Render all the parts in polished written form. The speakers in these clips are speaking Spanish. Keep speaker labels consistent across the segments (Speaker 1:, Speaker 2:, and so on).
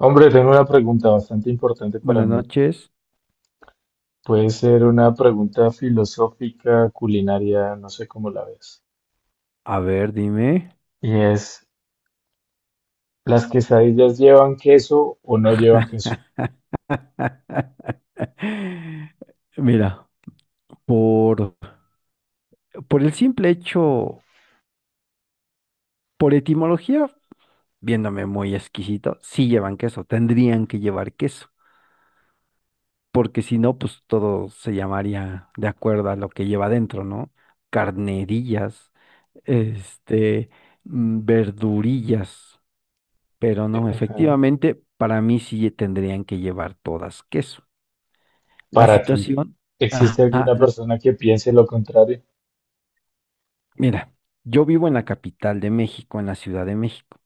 Speaker 1: Hombre, tengo una pregunta bastante importante para
Speaker 2: Buenas
Speaker 1: mí.
Speaker 2: noches.
Speaker 1: Puede ser una pregunta filosófica, culinaria, no sé cómo la ves.
Speaker 2: A ver, dime.
Speaker 1: Y es, ¿las quesadillas llevan queso o no llevan queso?
Speaker 2: Mira, por, por el simple hecho, por etimología, viéndome muy exquisito, sí llevan queso, tendrían que llevar queso, porque si no, pues todo se llamaría de acuerdo a lo que lleva dentro, ¿no? Carnerillas, este, verdurillas, pero no,
Speaker 1: Ajá.
Speaker 2: efectivamente, para mí sí tendrían que llevar todas queso. La
Speaker 1: Para ti,
Speaker 2: situación,
Speaker 1: ¿existe
Speaker 2: ajá,
Speaker 1: alguna
Speaker 2: la-
Speaker 1: persona que piense lo contrario
Speaker 2: mira, yo vivo en la capital de México, en la Ciudad de México.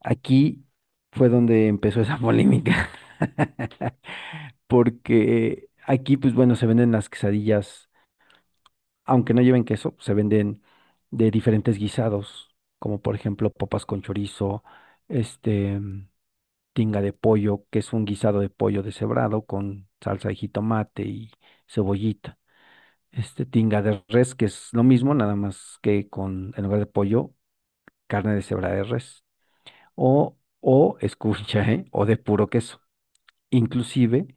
Speaker 2: Aquí fue donde empezó esa polémica, porque aquí, pues bueno, se venden las quesadillas, aunque no lleven queso, se venden de diferentes guisados, como por ejemplo papas con chorizo, este, tinga de pollo, que es un guisado de pollo deshebrado con salsa de jitomate y cebollita. Tinga de res, que es lo mismo, nada más que con, en lugar de pollo, carne de cebra de res. O, escucha, ¿eh? O de puro queso. Inclusive,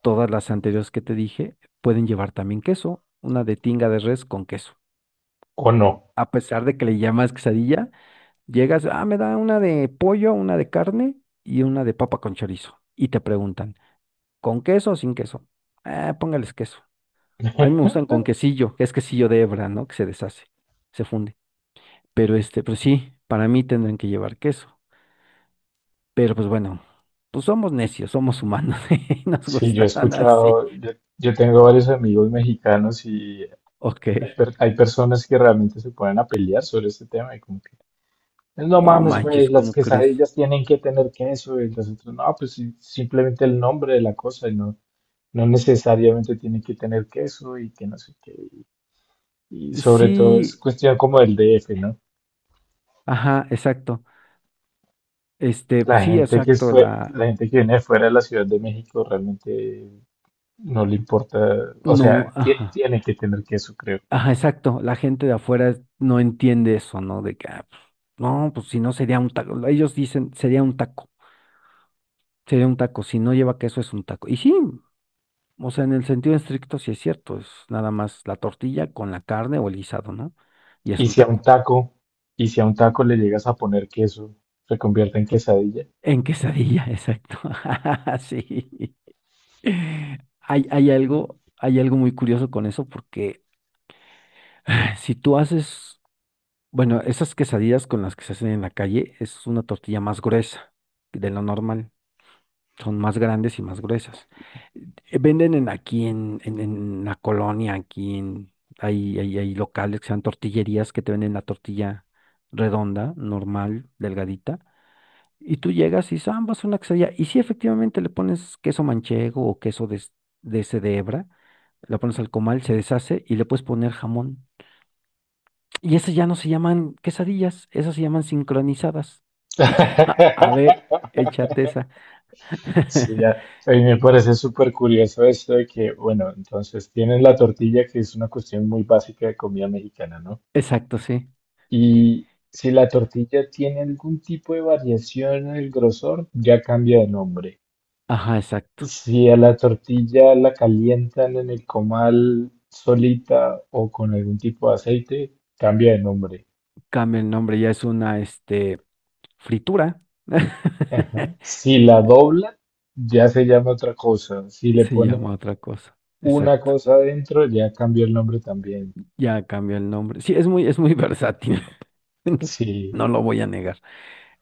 Speaker 2: todas las anteriores que te dije pueden llevar también queso. Una de tinga de res con queso.
Speaker 1: o no?
Speaker 2: A pesar de que le llamas quesadilla, llegas, ah, me da una de pollo, una de carne y una de papa con chorizo. Y te preguntan, ¿con queso o sin queso? Ah, póngales queso. A mí me gustan con quesillo, que es quesillo de hebra, ¿no? Que se deshace, se funde. Pero este, pues sí, para mí tendrán que llevar queso. Pero pues bueno, pues somos necios, somos humanos y nos
Speaker 1: Sí, yo he
Speaker 2: gustarán así.
Speaker 1: escuchado, yo tengo varios amigos mexicanos y
Speaker 2: Ok,
Speaker 1: hay personas que realmente se ponen a pelear sobre este tema y como que no
Speaker 2: no
Speaker 1: mames, güey,
Speaker 2: manches,
Speaker 1: las
Speaker 2: ¿cómo crees?
Speaker 1: quesadillas tienen que tener queso y las otras no, pues sí, simplemente el nombre de la cosa y no, no necesariamente tiene que tener queso y que no sé qué. Y sobre todo es
Speaker 2: Sí,
Speaker 1: cuestión como del DF, ¿no?
Speaker 2: ajá, exacto. Sí, exacto,
Speaker 1: La gente que viene de fuera de la Ciudad de México realmente no le importa, o
Speaker 2: no,
Speaker 1: sea,
Speaker 2: ajá,
Speaker 1: tiene que tener queso, creo.
Speaker 2: ajá, exacto. La gente de afuera no entiende eso, ¿no? De que, ah, pues, no, pues si no sería un taco. Ellos dicen, sería un taco, sería un taco. Si no lleva queso es un taco. Y sí, o sea, en el sentido estricto sí es cierto, es nada más la tortilla con la carne o el guisado, ¿no? Y es
Speaker 1: Y
Speaker 2: un
Speaker 1: si a un
Speaker 2: taco.
Speaker 1: taco le llegas a poner queso, se convierte en quesadilla.
Speaker 2: En quesadilla, exacto. Sí. Hay algo muy curioso con eso porque si tú haces, bueno, esas quesadillas con las que se hacen en la calle es una tortilla más gruesa de lo normal. Son más grandes y más gruesas. Venden en aquí en la colonia. Aquí en, hay, hay, hay locales que sean tortillerías que te venden la tortilla redonda, normal, delgadita, y tú llegas y dices, ah, vas a una quesadilla. Y si efectivamente le pones queso manchego o queso de ese de hebra, la pones al comal, se deshace y le puedes poner jamón. Y esas ya no se llaman quesadillas, esas se llaman sincronizadas. Ja, a ver, échate esa.
Speaker 1: Sí, ya. A mí me parece súper curioso esto de que, bueno, entonces tienes la tortilla, que es una cuestión muy básica de comida mexicana, ¿no?
Speaker 2: Exacto, sí.
Speaker 1: Y si la tortilla tiene algún tipo de variación en el grosor, ya cambia de nombre.
Speaker 2: Ajá, exacto.
Speaker 1: Si a la tortilla la calientan en el comal solita o con algún tipo de aceite, cambia de nombre.
Speaker 2: Cambia el nombre, ya es una, fritura.
Speaker 1: Ajá. Si la dobla, ya se llama otra cosa. Si le
Speaker 2: Se llama
Speaker 1: ponen
Speaker 2: otra cosa.
Speaker 1: una
Speaker 2: Exacto.
Speaker 1: cosa adentro, ya cambia el nombre también.
Speaker 2: Ya cambió el nombre. Sí, es muy versátil.
Speaker 1: Sí,
Speaker 2: No lo voy a negar.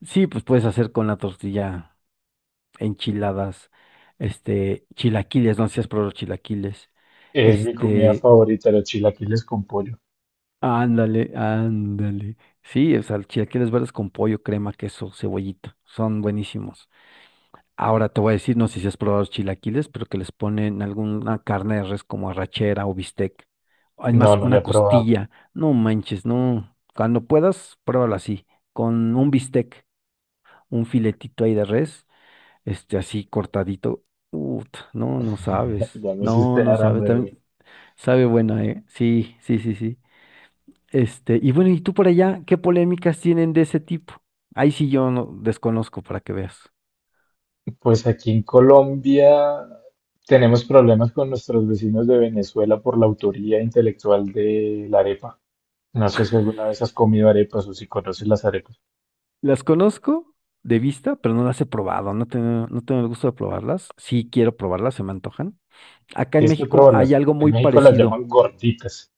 Speaker 2: Sí, pues puedes hacer con la tortilla enchiladas, chilaquiles, no seas pro has chilaquiles.
Speaker 1: es mi comida
Speaker 2: Este,
Speaker 1: favorita, los chilaquiles con pollo.
Speaker 2: ándale, ándale. Sí, o sea, chilaquiles verdes con pollo, crema, queso, cebollita. Son buenísimos. Ahora te voy a decir, no sé si has probado los chilaquiles, pero que les ponen alguna carne de res como arrachera o bistec.
Speaker 1: No,
Speaker 2: Además,
Speaker 1: no la he
Speaker 2: una
Speaker 1: probado.
Speaker 2: costilla. No manches, no. Cuando puedas, pruébalo así, con un bistec, un filetito ahí de res, así cortadito. Uf, no, no sabes.
Speaker 1: Ya me
Speaker 2: No,
Speaker 1: hiciste
Speaker 2: no
Speaker 1: dar
Speaker 2: sabes.
Speaker 1: hambre, güey.
Speaker 2: También sabe buena, ¿eh? Sí, sí, sí, sí. Y bueno, ¿y tú por allá qué polémicas tienen de ese tipo? Ahí sí yo no desconozco para que veas.
Speaker 1: Pues aquí en Colombia tenemos problemas con nuestros vecinos de Venezuela por la autoría intelectual de la arepa. No sé si alguna vez has comido arepas o si conoces las arepas.
Speaker 2: Las conozco de vista, pero no las he probado. No tengo el gusto de probarlas. Sí quiero probarlas, se me antojan. Acá en
Speaker 1: Tienes que
Speaker 2: México hay
Speaker 1: probarlas.
Speaker 2: algo
Speaker 1: En
Speaker 2: muy
Speaker 1: México las llaman
Speaker 2: parecido.
Speaker 1: gorditas.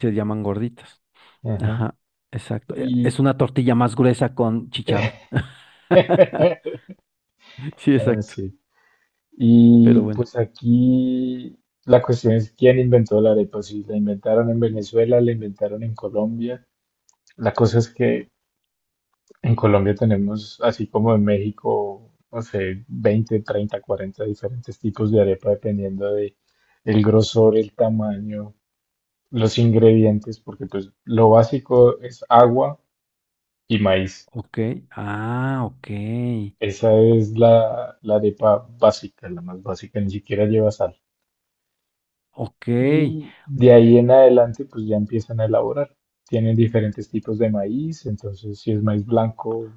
Speaker 2: Se llaman gorditas.
Speaker 1: Ajá.
Speaker 2: Ajá, exacto. Es
Speaker 1: Y,
Speaker 2: una tortilla más gruesa con chicharrón. Sí,
Speaker 1: ah,
Speaker 2: exacto.
Speaker 1: sí.
Speaker 2: Pero
Speaker 1: Y
Speaker 2: bueno.
Speaker 1: pues aquí la cuestión es quién inventó la arepa. Si la inventaron en Venezuela, la inventaron en Colombia. La cosa es que en Colombia tenemos, así como en México, no sé, 20, 30, 40 diferentes tipos de arepa dependiendo de el grosor, el tamaño, los ingredientes, porque pues lo básico es agua y maíz.
Speaker 2: Ok. Ah, ok.
Speaker 1: Esa es la arepa básica, la más básica, ni siquiera lleva sal.
Speaker 2: Ok.
Speaker 1: Y de ahí en adelante, pues ya empiezan a elaborar. Tienen diferentes tipos de maíz, entonces si es maíz blanco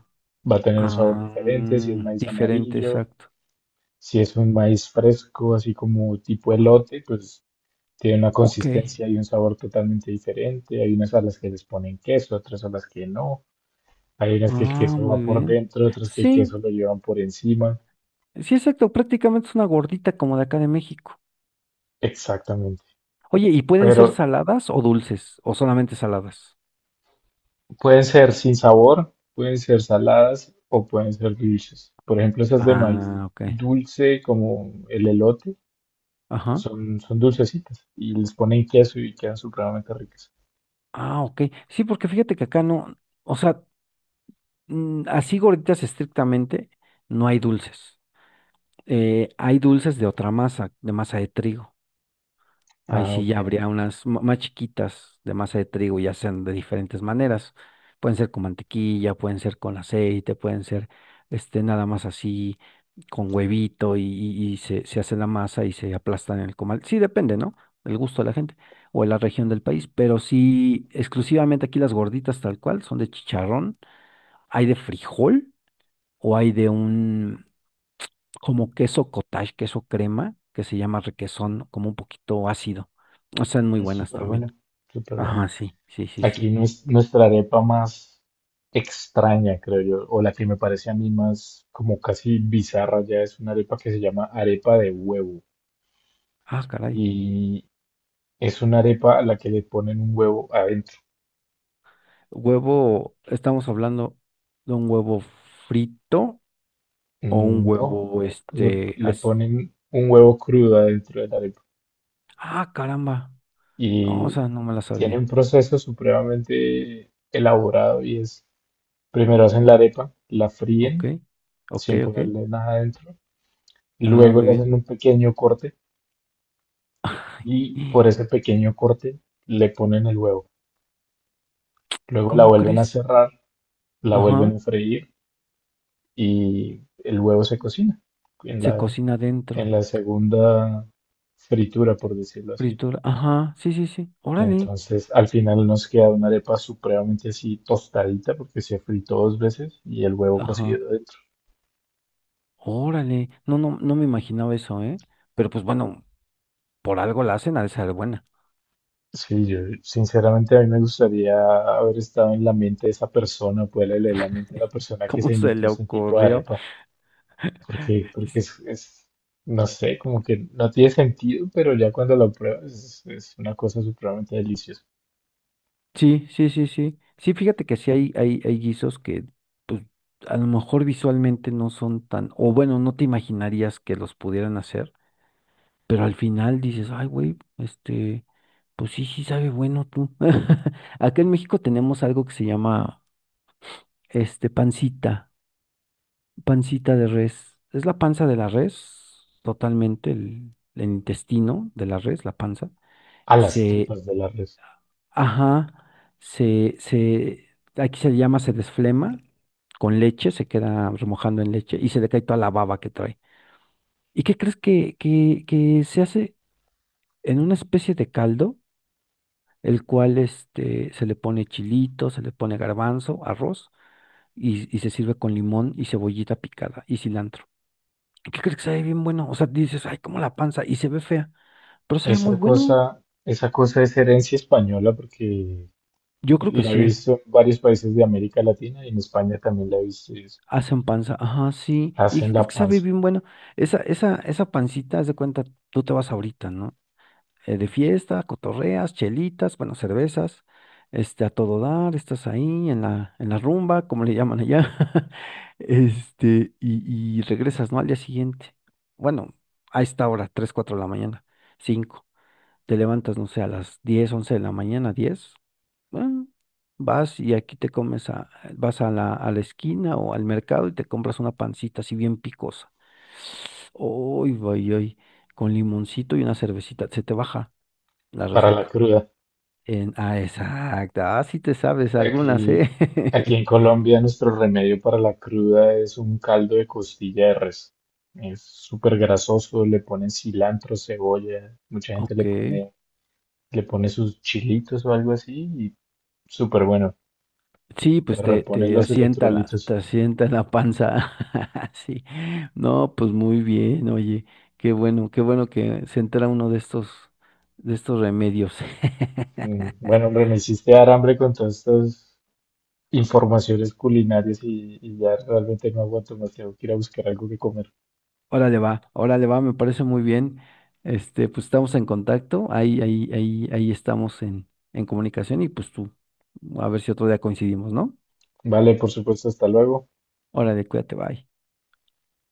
Speaker 1: va a tener un sabor diferente, si es
Speaker 2: Ah,
Speaker 1: maíz
Speaker 2: diferente,
Speaker 1: amarillo,
Speaker 2: exacto.
Speaker 1: si es un maíz fresco, así como tipo elote, pues tiene una
Speaker 2: Ok.
Speaker 1: consistencia y un sabor totalmente diferente. Hay unas a las que les ponen queso, otras a las que no. Hay unas que el
Speaker 2: Ah,
Speaker 1: queso va
Speaker 2: muy
Speaker 1: por
Speaker 2: bien.
Speaker 1: dentro, otras que el queso
Speaker 2: Sí,
Speaker 1: lo llevan por encima.
Speaker 2: sí, exacto. Prácticamente es una gordita como de acá de México.
Speaker 1: Exactamente.
Speaker 2: Oye, ¿y pueden ser
Speaker 1: Pero
Speaker 2: saladas o dulces o solamente saladas?
Speaker 1: pueden ser sin sabor, pueden ser saladas o pueden ser dulces. Por ejemplo, esas de maíz
Speaker 2: Ah, ok.
Speaker 1: dulce como el elote
Speaker 2: Ajá.
Speaker 1: son dulcecitas y les ponen queso y quedan supremamente ricas.
Speaker 2: Ah, ok. Sí, porque fíjate que acá no, o sea, así gorditas estrictamente, no hay dulces. Hay dulces de otra masa de trigo. Ahí
Speaker 1: Ah,
Speaker 2: sí
Speaker 1: ok.
Speaker 2: ya habría unas más chiquitas de masa de trigo, ya sean de diferentes maneras. Pueden ser con mantequilla, pueden ser con aceite, pueden ser nada más así con huevito y se hace la masa y se aplastan en el comal. Sí, depende, ¿no? El gusto de la gente o de la región del país, pero sí, exclusivamente aquí las gorditas tal cual son de chicharrón, hay de frijol o hay de un, como queso cottage, queso crema, que se llama requesón, como un poquito ácido. Están muy
Speaker 1: Es
Speaker 2: buenas
Speaker 1: súper
Speaker 2: también.
Speaker 1: bueno, súper bueno.
Speaker 2: Ajá, sí, sí, sí,
Speaker 1: Aquí
Speaker 2: sí.
Speaker 1: nuestra arepa más extraña, creo yo, o la que me parece a mí más como casi bizarra ya es una arepa que se llama arepa de huevo
Speaker 2: Ah, caray.
Speaker 1: y es una arepa a la que le ponen un huevo adentro.
Speaker 2: Huevo, estamos hablando de un huevo frito o un
Speaker 1: Mm, no,
Speaker 2: huevo,
Speaker 1: le ponen un huevo crudo adentro de la arepa
Speaker 2: Ah, caramba. No, o
Speaker 1: y
Speaker 2: sea, no me la
Speaker 1: tiene un
Speaker 2: sabía.
Speaker 1: proceso supremamente elaborado y es, primero hacen la arepa, la
Speaker 2: Ok,
Speaker 1: fríen
Speaker 2: ok,
Speaker 1: sin
Speaker 2: ok.
Speaker 1: ponerle nada adentro,
Speaker 2: Ah,
Speaker 1: luego
Speaker 2: muy
Speaker 1: le
Speaker 2: bien.
Speaker 1: hacen un pequeño corte y por ese pequeño corte le ponen el huevo, luego la
Speaker 2: ¿Cómo
Speaker 1: vuelven a
Speaker 2: crees?
Speaker 1: cerrar, la vuelven
Speaker 2: Ajá,
Speaker 1: a freír y el huevo se cocina en
Speaker 2: se cocina
Speaker 1: en
Speaker 2: adentro.
Speaker 1: la segunda fritura, por decirlo así.
Speaker 2: Fritura. Ajá, sí, sí, sí. Órale.
Speaker 1: Entonces, al final nos queda una arepa supremamente así tostadita porque se fritó dos veces y el huevo
Speaker 2: Ajá.
Speaker 1: cocido dentro.
Speaker 2: Órale, no, no, no me imaginaba eso, ¿eh? Pero pues bueno, por algo la hacen, ha de ser buena.
Speaker 1: Sí, yo sinceramente a mí me gustaría haber estado en la mente de esa persona, poderle leer la mente a la persona que
Speaker 2: ¿Cómo
Speaker 1: se
Speaker 2: se
Speaker 1: inventó
Speaker 2: le
Speaker 1: ese tipo de
Speaker 2: ocurrió?
Speaker 1: arepa, porque es, no sé, como que no tiene sentido, pero ya cuando lo pruebas es una cosa supremamente deliciosa.
Speaker 2: Sí, sí, sí, sí. Sí, fíjate que sí hay guisos que, pues, a lo mejor visualmente no son tan, o bueno, no te imaginarías que los pudieran hacer, pero al final dices, ay, güey, pues sí, sí sabe bueno tú. Acá en México tenemos algo que se llama, pancita. Pancita de res. Es la panza de la res, totalmente, el intestino de la res, la panza.
Speaker 1: A las
Speaker 2: Se,
Speaker 1: tripas de la res.
Speaker 2: ajá, aquí se le llama, se desflema con leche, se queda remojando en leche y se le cae toda la baba que trae. ¿Y qué crees que se hace en una especie de caldo, el cual se le pone chilito, se le pone garbanzo, arroz y se sirve con limón y cebollita picada y cilantro? ¿Qué crees que sabe bien bueno? O sea, dices, ay, como la panza, y se ve fea, pero sabe muy
Speaker 1: Esa
Speaker 2: bueno.
Speaker 1: cosa, Esa cosa es herencia española porque
Speaker 2: Yo creo que
Speaker 1: la he
Speaker 2: sí.
Speaker 1: visto en varios países de América Latina y en España también la he visto. Y
Speaker 2: Hacen panza, ajá, sí. ¿Y
Speaker 1: hacen
Speaker 2: qué
Speaker 1: la
Speaker 2: crees que sabe
Speaker 1: panza
Speaker 2: bien bueno? Esa pancita, haz de cuenta, tú te vas ahorita, ¿no? De fiesta, cotorreas, chelitas, bueno, cervezas, a todo dar, estás ahí en la rumba, como le llaman allá, y regresas, ¿no? Al día siguiente. Bueno, a esta hora, 3, 4 de la mañana, 5. Te levantas, no sé, a las 10, 11 de la mañana, 10. Bueno, vas y aquí te comes a, vas a la esquina o al mercado y te compras una pancita así bien picosa. Uy, vay, ay, con limoncito y una cervecita, se te baja la
Speaker 1: para la
Speaker 2: resaca.
Speaker 1: cruda.
Speaker 2: Ah, exacto. Ah, sí te sabes algunas,
Speaker 1: Aquí,
Speaker 2: ¿eh?
Speaker 1: Aquí en Colombia nuestro remedio para la cruda es un caldo de costilla de res. Es súper grasoso, le ponen cilantro, cebolla, mucha gente
Speaker 2: Ok.
Speaker 1: le pone sus chilitos o algo así y súper bueno.
Speaker 2: Sí,
Speaker 1: Te
Speaker 2: pues te,
Speaker 1: repone
Speaker 2: te
Speaker 1: los
Speaker 2: asienta la, te
Speaker 1: electrolitos.
Speaker 2: asienta la panza. Sí. No, pues muy bien, oye. Qué bueno que se entera uno de estos, remedios.
Speaker 1: Mm, bueno, hombre, me hiciste dar hambre con todos estos informaciones culinarias y ya realmente no aguanto más, tengo que ir a buscar algo que comer.
Speaker 2: Órale va, me parece muy bien. Pues estamos en contacto, ahí estamos en comunicación y pues tú, a ver si otro día coincidimos, ¿no?
Speaker 1: Vale, por supuesto, hasta luego.
Speaker 2: Órale, cuídate, bye.